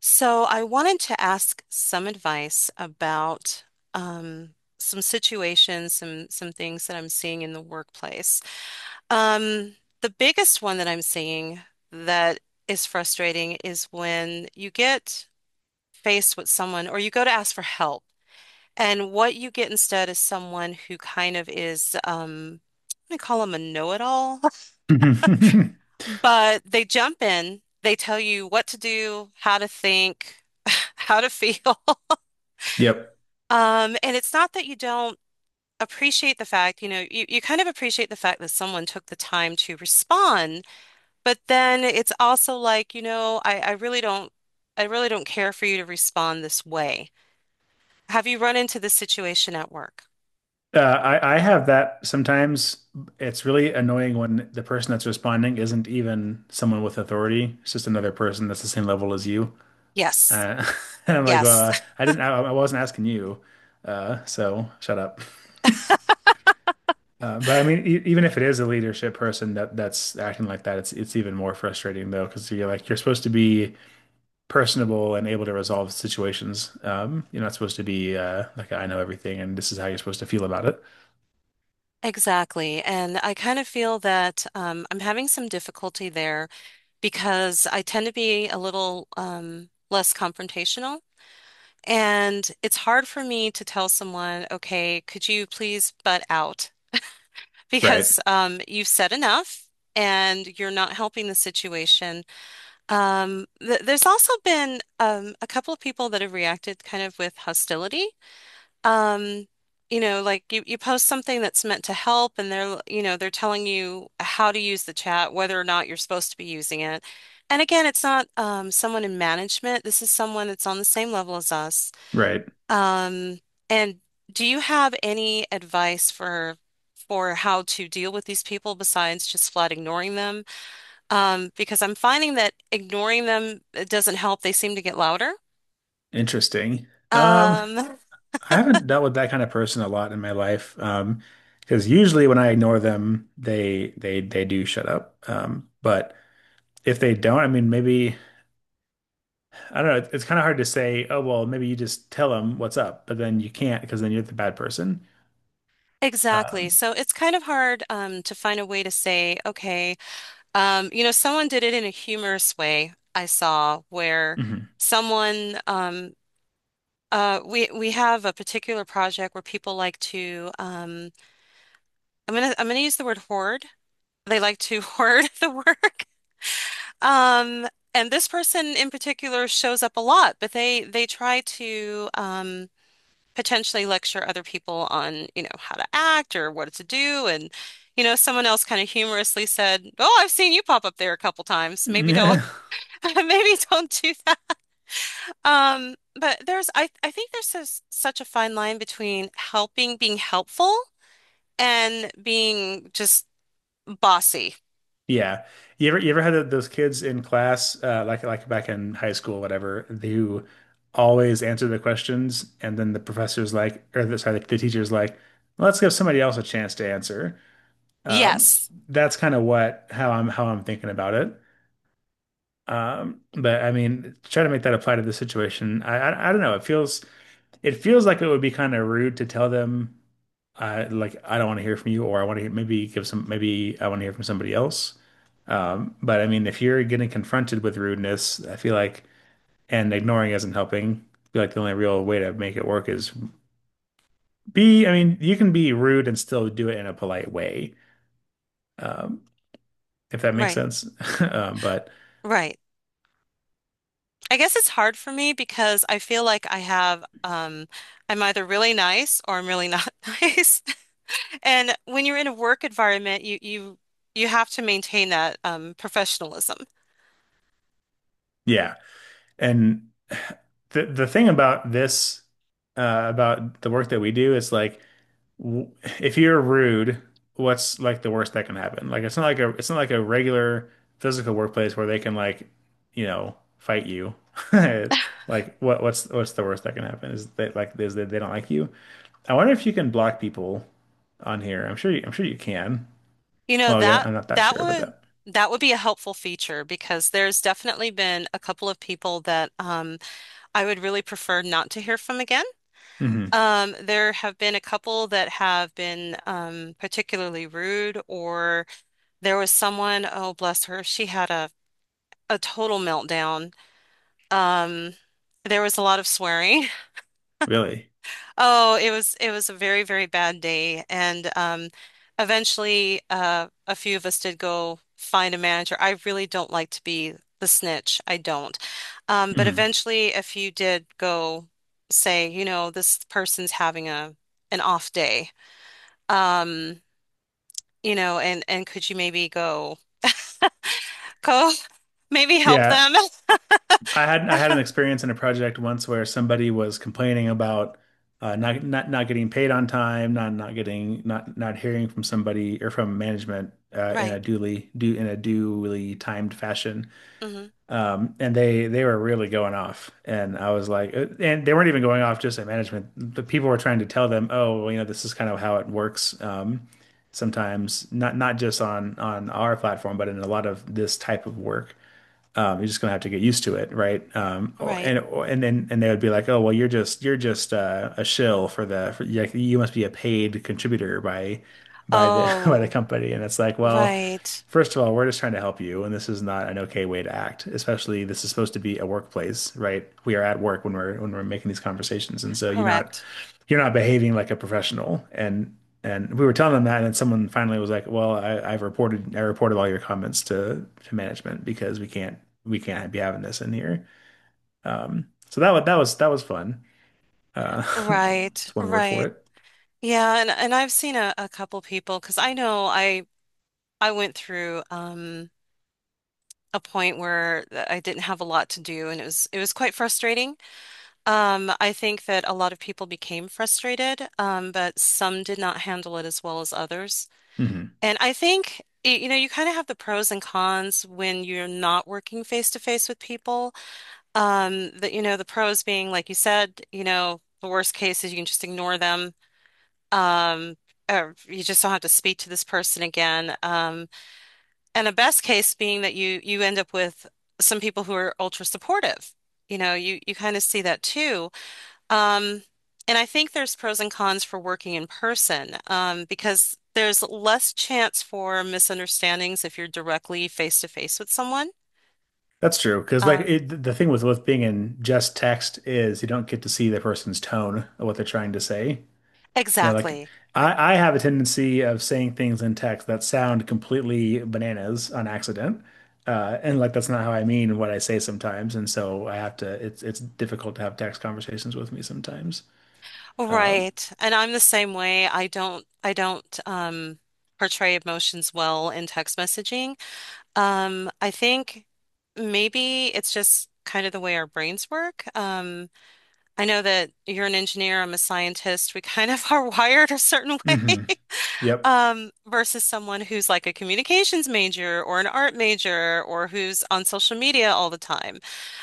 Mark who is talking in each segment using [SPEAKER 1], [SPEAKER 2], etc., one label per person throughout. [SPEAKER 1] So I wanted to ask some advice about um, some situations, some things that I'm seeing in the workplace. Um, the biggest one that I'm seeing that is frustrating is when you get faced with someone or you go to ask for help, and what you get instead is someone who kind of is I call them a know-it-all, but they jump in, they tell you what to do, how to think, how to feel.
[SPEAKER 2] Yep.
[SPEAKER 1] And it's not that you don't appreciate the fact, you know, you kind of appreciate the fact that someone took the time to respond, but then it's also like, you know, I really don't care for you to respond this way. Have you run into this situation at work?
[SPEAKER 2] I have that sometimes. It's really annoying when the person that's responding isn't even someone with authority. It's just another person that's the same level as you.
[SPEAKER 1] Yes.
[SPEAKER 2] Uh, and I'm like,
[SPEAKER 1] Yes,
[SPEAKER 2] I didn't, I wasn't asking you. So shut up. But I mean, e even if it is a leadership person that's acting like that, it's even more frustrating though, because you're like you're supposed to be personable and able to resolve situations. You're not supposed to be like I know everything and this is how you're supposed to feel about it,
[SPEAKER 1] exactly. And I kind of feel that I'm having some difficulty there because I tend to be a little less confrontational. And it's hard for me to tell someone, okay, could you please butt out?
[SPEAKER 2] right?
[SPEAKER 1] Because you've said enough and you're not helping the situation. Th there's also been a couple of people that have reacted kind of with hostility. Um, you know, like you post something that's meant to help and they're, you know, they're telling you how to use the chat, whether or not you're supposed to be using it. And again, it's not someone in management. This is someone that's on the same level as us.
[SPEAKER 2] Right.
[SPEAKER 1] Um, and do you have any advice for how to deal with these people besides just flat ignoring them? Because I'm finding that ignoring them it doesn't help. They seem to get louder.
[SPEAKER 2] Interesting. Um,
[SPEAKER 1] Um,
[SPEAKER 2] I haven't dealt with that kind of person a lot in my life. Because usually when I ignore them, they do shut up. But if they don't, I mean, maybe I don't know. It's kind of hard to say, oh, well, maybe you just tell them what's up, but then you can't because then you're the bad person.
[SPEAKER 1] exactly.
[SPEAKER 2] Um,
[SPEAKER 1] So it's kind of hard to find a way to say, okay, you know, someone did it in a humorous way. I saw where
[SPEAKER 2] mhm.
[SPEAKER 1] someone we have a particular project where people like to I'm gonna use the word hoard. They like to hoard the work. Um, and this person in particular shows up a lot, but they try to potentially lecture other people on, you know, how to act or what to do. And, you know, someone else kind of humorously said, "Oh, I've seen you pop up there a couple times. Maybe don't, maybe don't do that." But I think there's this, such a fine line between helping, being helpful, and being just bossy.
[SPEAKER 2] Yeah. You ever had those kids in class, like back in high school, whatever, who always answer the questions, and then the professor's like, or the, sorry, the teacher's like, let's give somebody else a chance to answer. Um,
[SPEAKER 1] Yes,
[SPEAKER 2] that's kind of what how I'm thinking about it. But I mean, try to make that apply to the situation. I don't know. It feels like it would be kind of rude to tell them, like I don't want to hear from you, or I want to maybe give some maybe I want to hear from somebody else. But I mean, if you're getting confronted with rudeness, I feel like, and ignoring isn't helping. I feel like the only real way to make it work is be, I mean, you can be rude and still do it in a polite way, um, if that makes
[SPEAKER 1] right,
[SPEAKER 2] sense. But
[SPEAKER 1] right. I guess it's hard for me because I feel like I have I'm either really nice or I'm really not nice. And when you're in a work environment, you you have to maintain that professionalism.
[SPEAKER 2] yeah, and the thing about this, about the work that we do is like w- if you're rude, what's like the worst that can happen? Like it's not like a it's not like a regular physical workplace where they can like, you know, fight you. Like what's the worst that can happen is that like is that they don't like you. I wonder if you can block people on here. I'm sure you can.
[SPEAKER 1] You know,
[SPEAKER 2] Well, I'm not that
[SPEAKER 1] that
[SPEAKER 2] sure about
[SPEAKER 1] would
[SPEAKER 2] that.
[SPEAKER 1] that would be a helpful feature because there's definitely been a couple of people that I would really prefer not to hear from again.
[SPEAKER 2] Hmm.
[SPEAKER 1] There have been a couple that have been particularly rude, or there was someone, oh, bless her, she had a total meltdown. Um, there was a lot of swearing.
[SPEAKER 2] Really?
[SPEAKER 1] Oh, it was a very, very bad day. And eventually a few of us did go find a manager. I really don't like to be the snitch. I don't. But
[SPEAKER 2] Hmm.
[SPEAKER 1] eventually a few did go say, you know, this person's having a an off day. Um, you know, and could you maybe go go maybe help
[SPEAKER 2] Yeah.
[SPEAKER 1] them?
[SPEAKER 2] I had an experience in a project once where somebody was complaining about not getting paid on time, not not getting not not hearing from somebody or from management in a
[SPEAKER 1] Right.
[SPEAKER 2] duly timed fashion.
[SPEAKER 1] Hmm.
[SPEAKER 2] And they were really going off, and I was like, and they weren't even going off just at management. The people were trying to tell them, oh, well, you know, this is kind of how it works. Sometimes not not just on our platform, but in a lot of this type of work. You're just gonna have to get used to it, right?
[SPEAKER 1] Right.
[SPEAKER 2] Or- and then and They would be like, oh well, you're just a shill for the for, like you must be a paid contributor by the by the
[SPEAKER 1] Oh.
[SPEAKER 2] company, and it's like, well,
[SPEAKER 1] Right.
[SPEAKER 2] first of all, we're just trying to help you, and this is not an okay way to act. Especially this is supposed to be a workplace, right? We are at work when we're making these conversations, and so
[SPEAKER 1] Correct.
[SPEAKER 2] you're not behaving like a professional. And we were telling them that, and then someone finally was like, "Well, I've reported I reported all your comments to management because we can't be having this in here." So that was that was fun. Uh,
[SPEAKER 1] Right.
[SPEAKER 2] it's one word for
[SPEAKER 1] Right.
[SPEAKER 2] it.
[SPEAKER 1] Yeah, and I've seen a couple people because I know I went through a point where I didn't have a lot to do and it was quite frustrating. I think that a lot of people became frustrated, but some did not handle it as well as others.
[SPEAKER 2] Hmm.
[SPEAKER 1] And I think you know you kind of have the pros and cons when you're not working face to face with people. That you know, the pros being, like you said, you know, the worst case is you can just ignore them. Um, or you just don't have to speak to this person again. And the best case being that you end up with some people who are ultra supportive. You know, you kind of see that too. Um, and I think there's pros and cons for working in person, because there's less chance for misunderstandings if you're directly face to face with someone.
[SPEAKER 2] That's true because like
[SPEAKER 1] Um,
[SPEAKER 2] it, the thing with being in just text is you don't get to see the person's tone of what they're trying to say. Yeah, like
[SPEAKER 1] exactly.
[SPEAKER 2] I have a tendency of saying things in text that sound completely bananas on accident. And like that's not how I mean what I say sometimes. And so I have to it's difficult to have text conversations with me sometimes. Um,
[SPEAKER 1] Right. And I'm the same way. I don't portray emotions well in text messaging. I think maybe it's just kind of the way our brains work. I know that you're an engineer, I'm a scientist. We kind of are wired a certain way.
[SPEAKER 2] hmm. Yep.
[SPEAKER 1] Versus someone who's like a communications major or an art major or who's on social media all the time.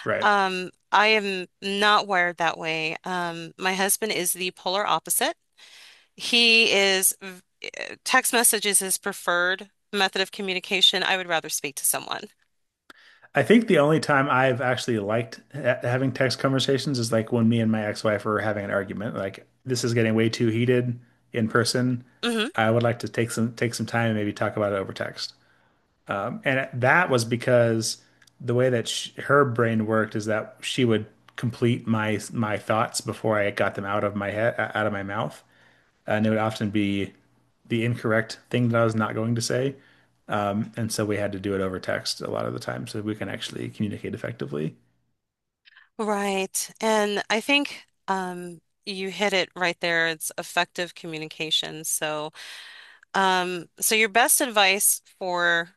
[SPEAKER 2] Right.
[SPEAKER 1] Um, I am not wired that way. Um, my husband is the polar opposite. He is, text message is his preferred method of communication. I would rather speak to someone.
[SPEAKER 2] I think the only time I've actually liked ha having text conversations is like when me and my ex-wife were having an argument. Like this is getting way too heated in person.
[SPEAKER 1] Hmm.
[SPEAKER 2] I would like to take some time and maybe talk about it over text. And that was because the way that sh her brain worked is that she would complete my thoughts before I got them out of my head, out of my mouth, and it would often be the incorrect thing that I was not going to say. And so we had to do it over text a lot of the time so we can actually communicate effectively.
[SPEAKER 1] Right. And I think you hit it right there. It's effective communication. So, so your best advice for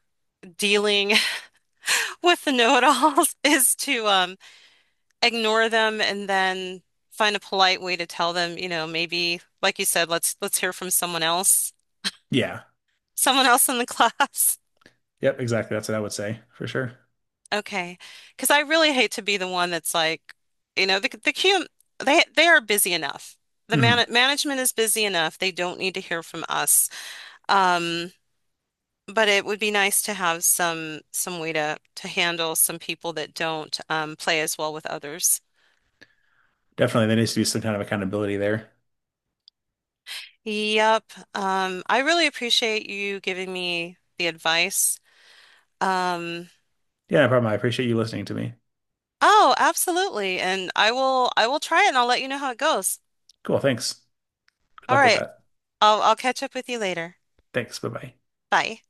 [SPEAKER 1] dealing with the know-it-alls is to ignore them and then find a polite way to tell them, you know, maybe, like you said, let's hear from
[SPEAKER 2] Yeah.
[SPEAKER 1] someone else in the class.
[SPEAKER 2] Yep. Exactly. That's what I would say for sure.
[SPEAKER 1] Okay. Because I really hate to be the one that's like, you know, the Q, they are busy enough. The
[SPEAKER 2] Hmm.
[SPEAKER 1] management is busy enough. They don't need to hear from us. Um, but it would be nice to have some way to handle some people that don't play as well with others.
[SPEAKER 2] Definitely, there needs to be some kind of accountability there.
[SPEAKER 1] Yep. I really appreciate you giving me the advice. Um,
[SPEAKER 2] Yeah, no problem. I appreciate you listening to me.
[SPEAKER 1] oh, absolutely. And I will try it and I'll let you know how it goes.
[SPEAKER 2] Cool. Thanks. Good
[SPEAKER 1] All
[SPEAKER 2] luck with
[SPEAKER 1] right.
[SPEAKER 2] that.
[SPEAKER 1] I'll catch up with you later.
[SPEAKER 2] Thanks. Bye bye.
[SPEAKER 1] Bye.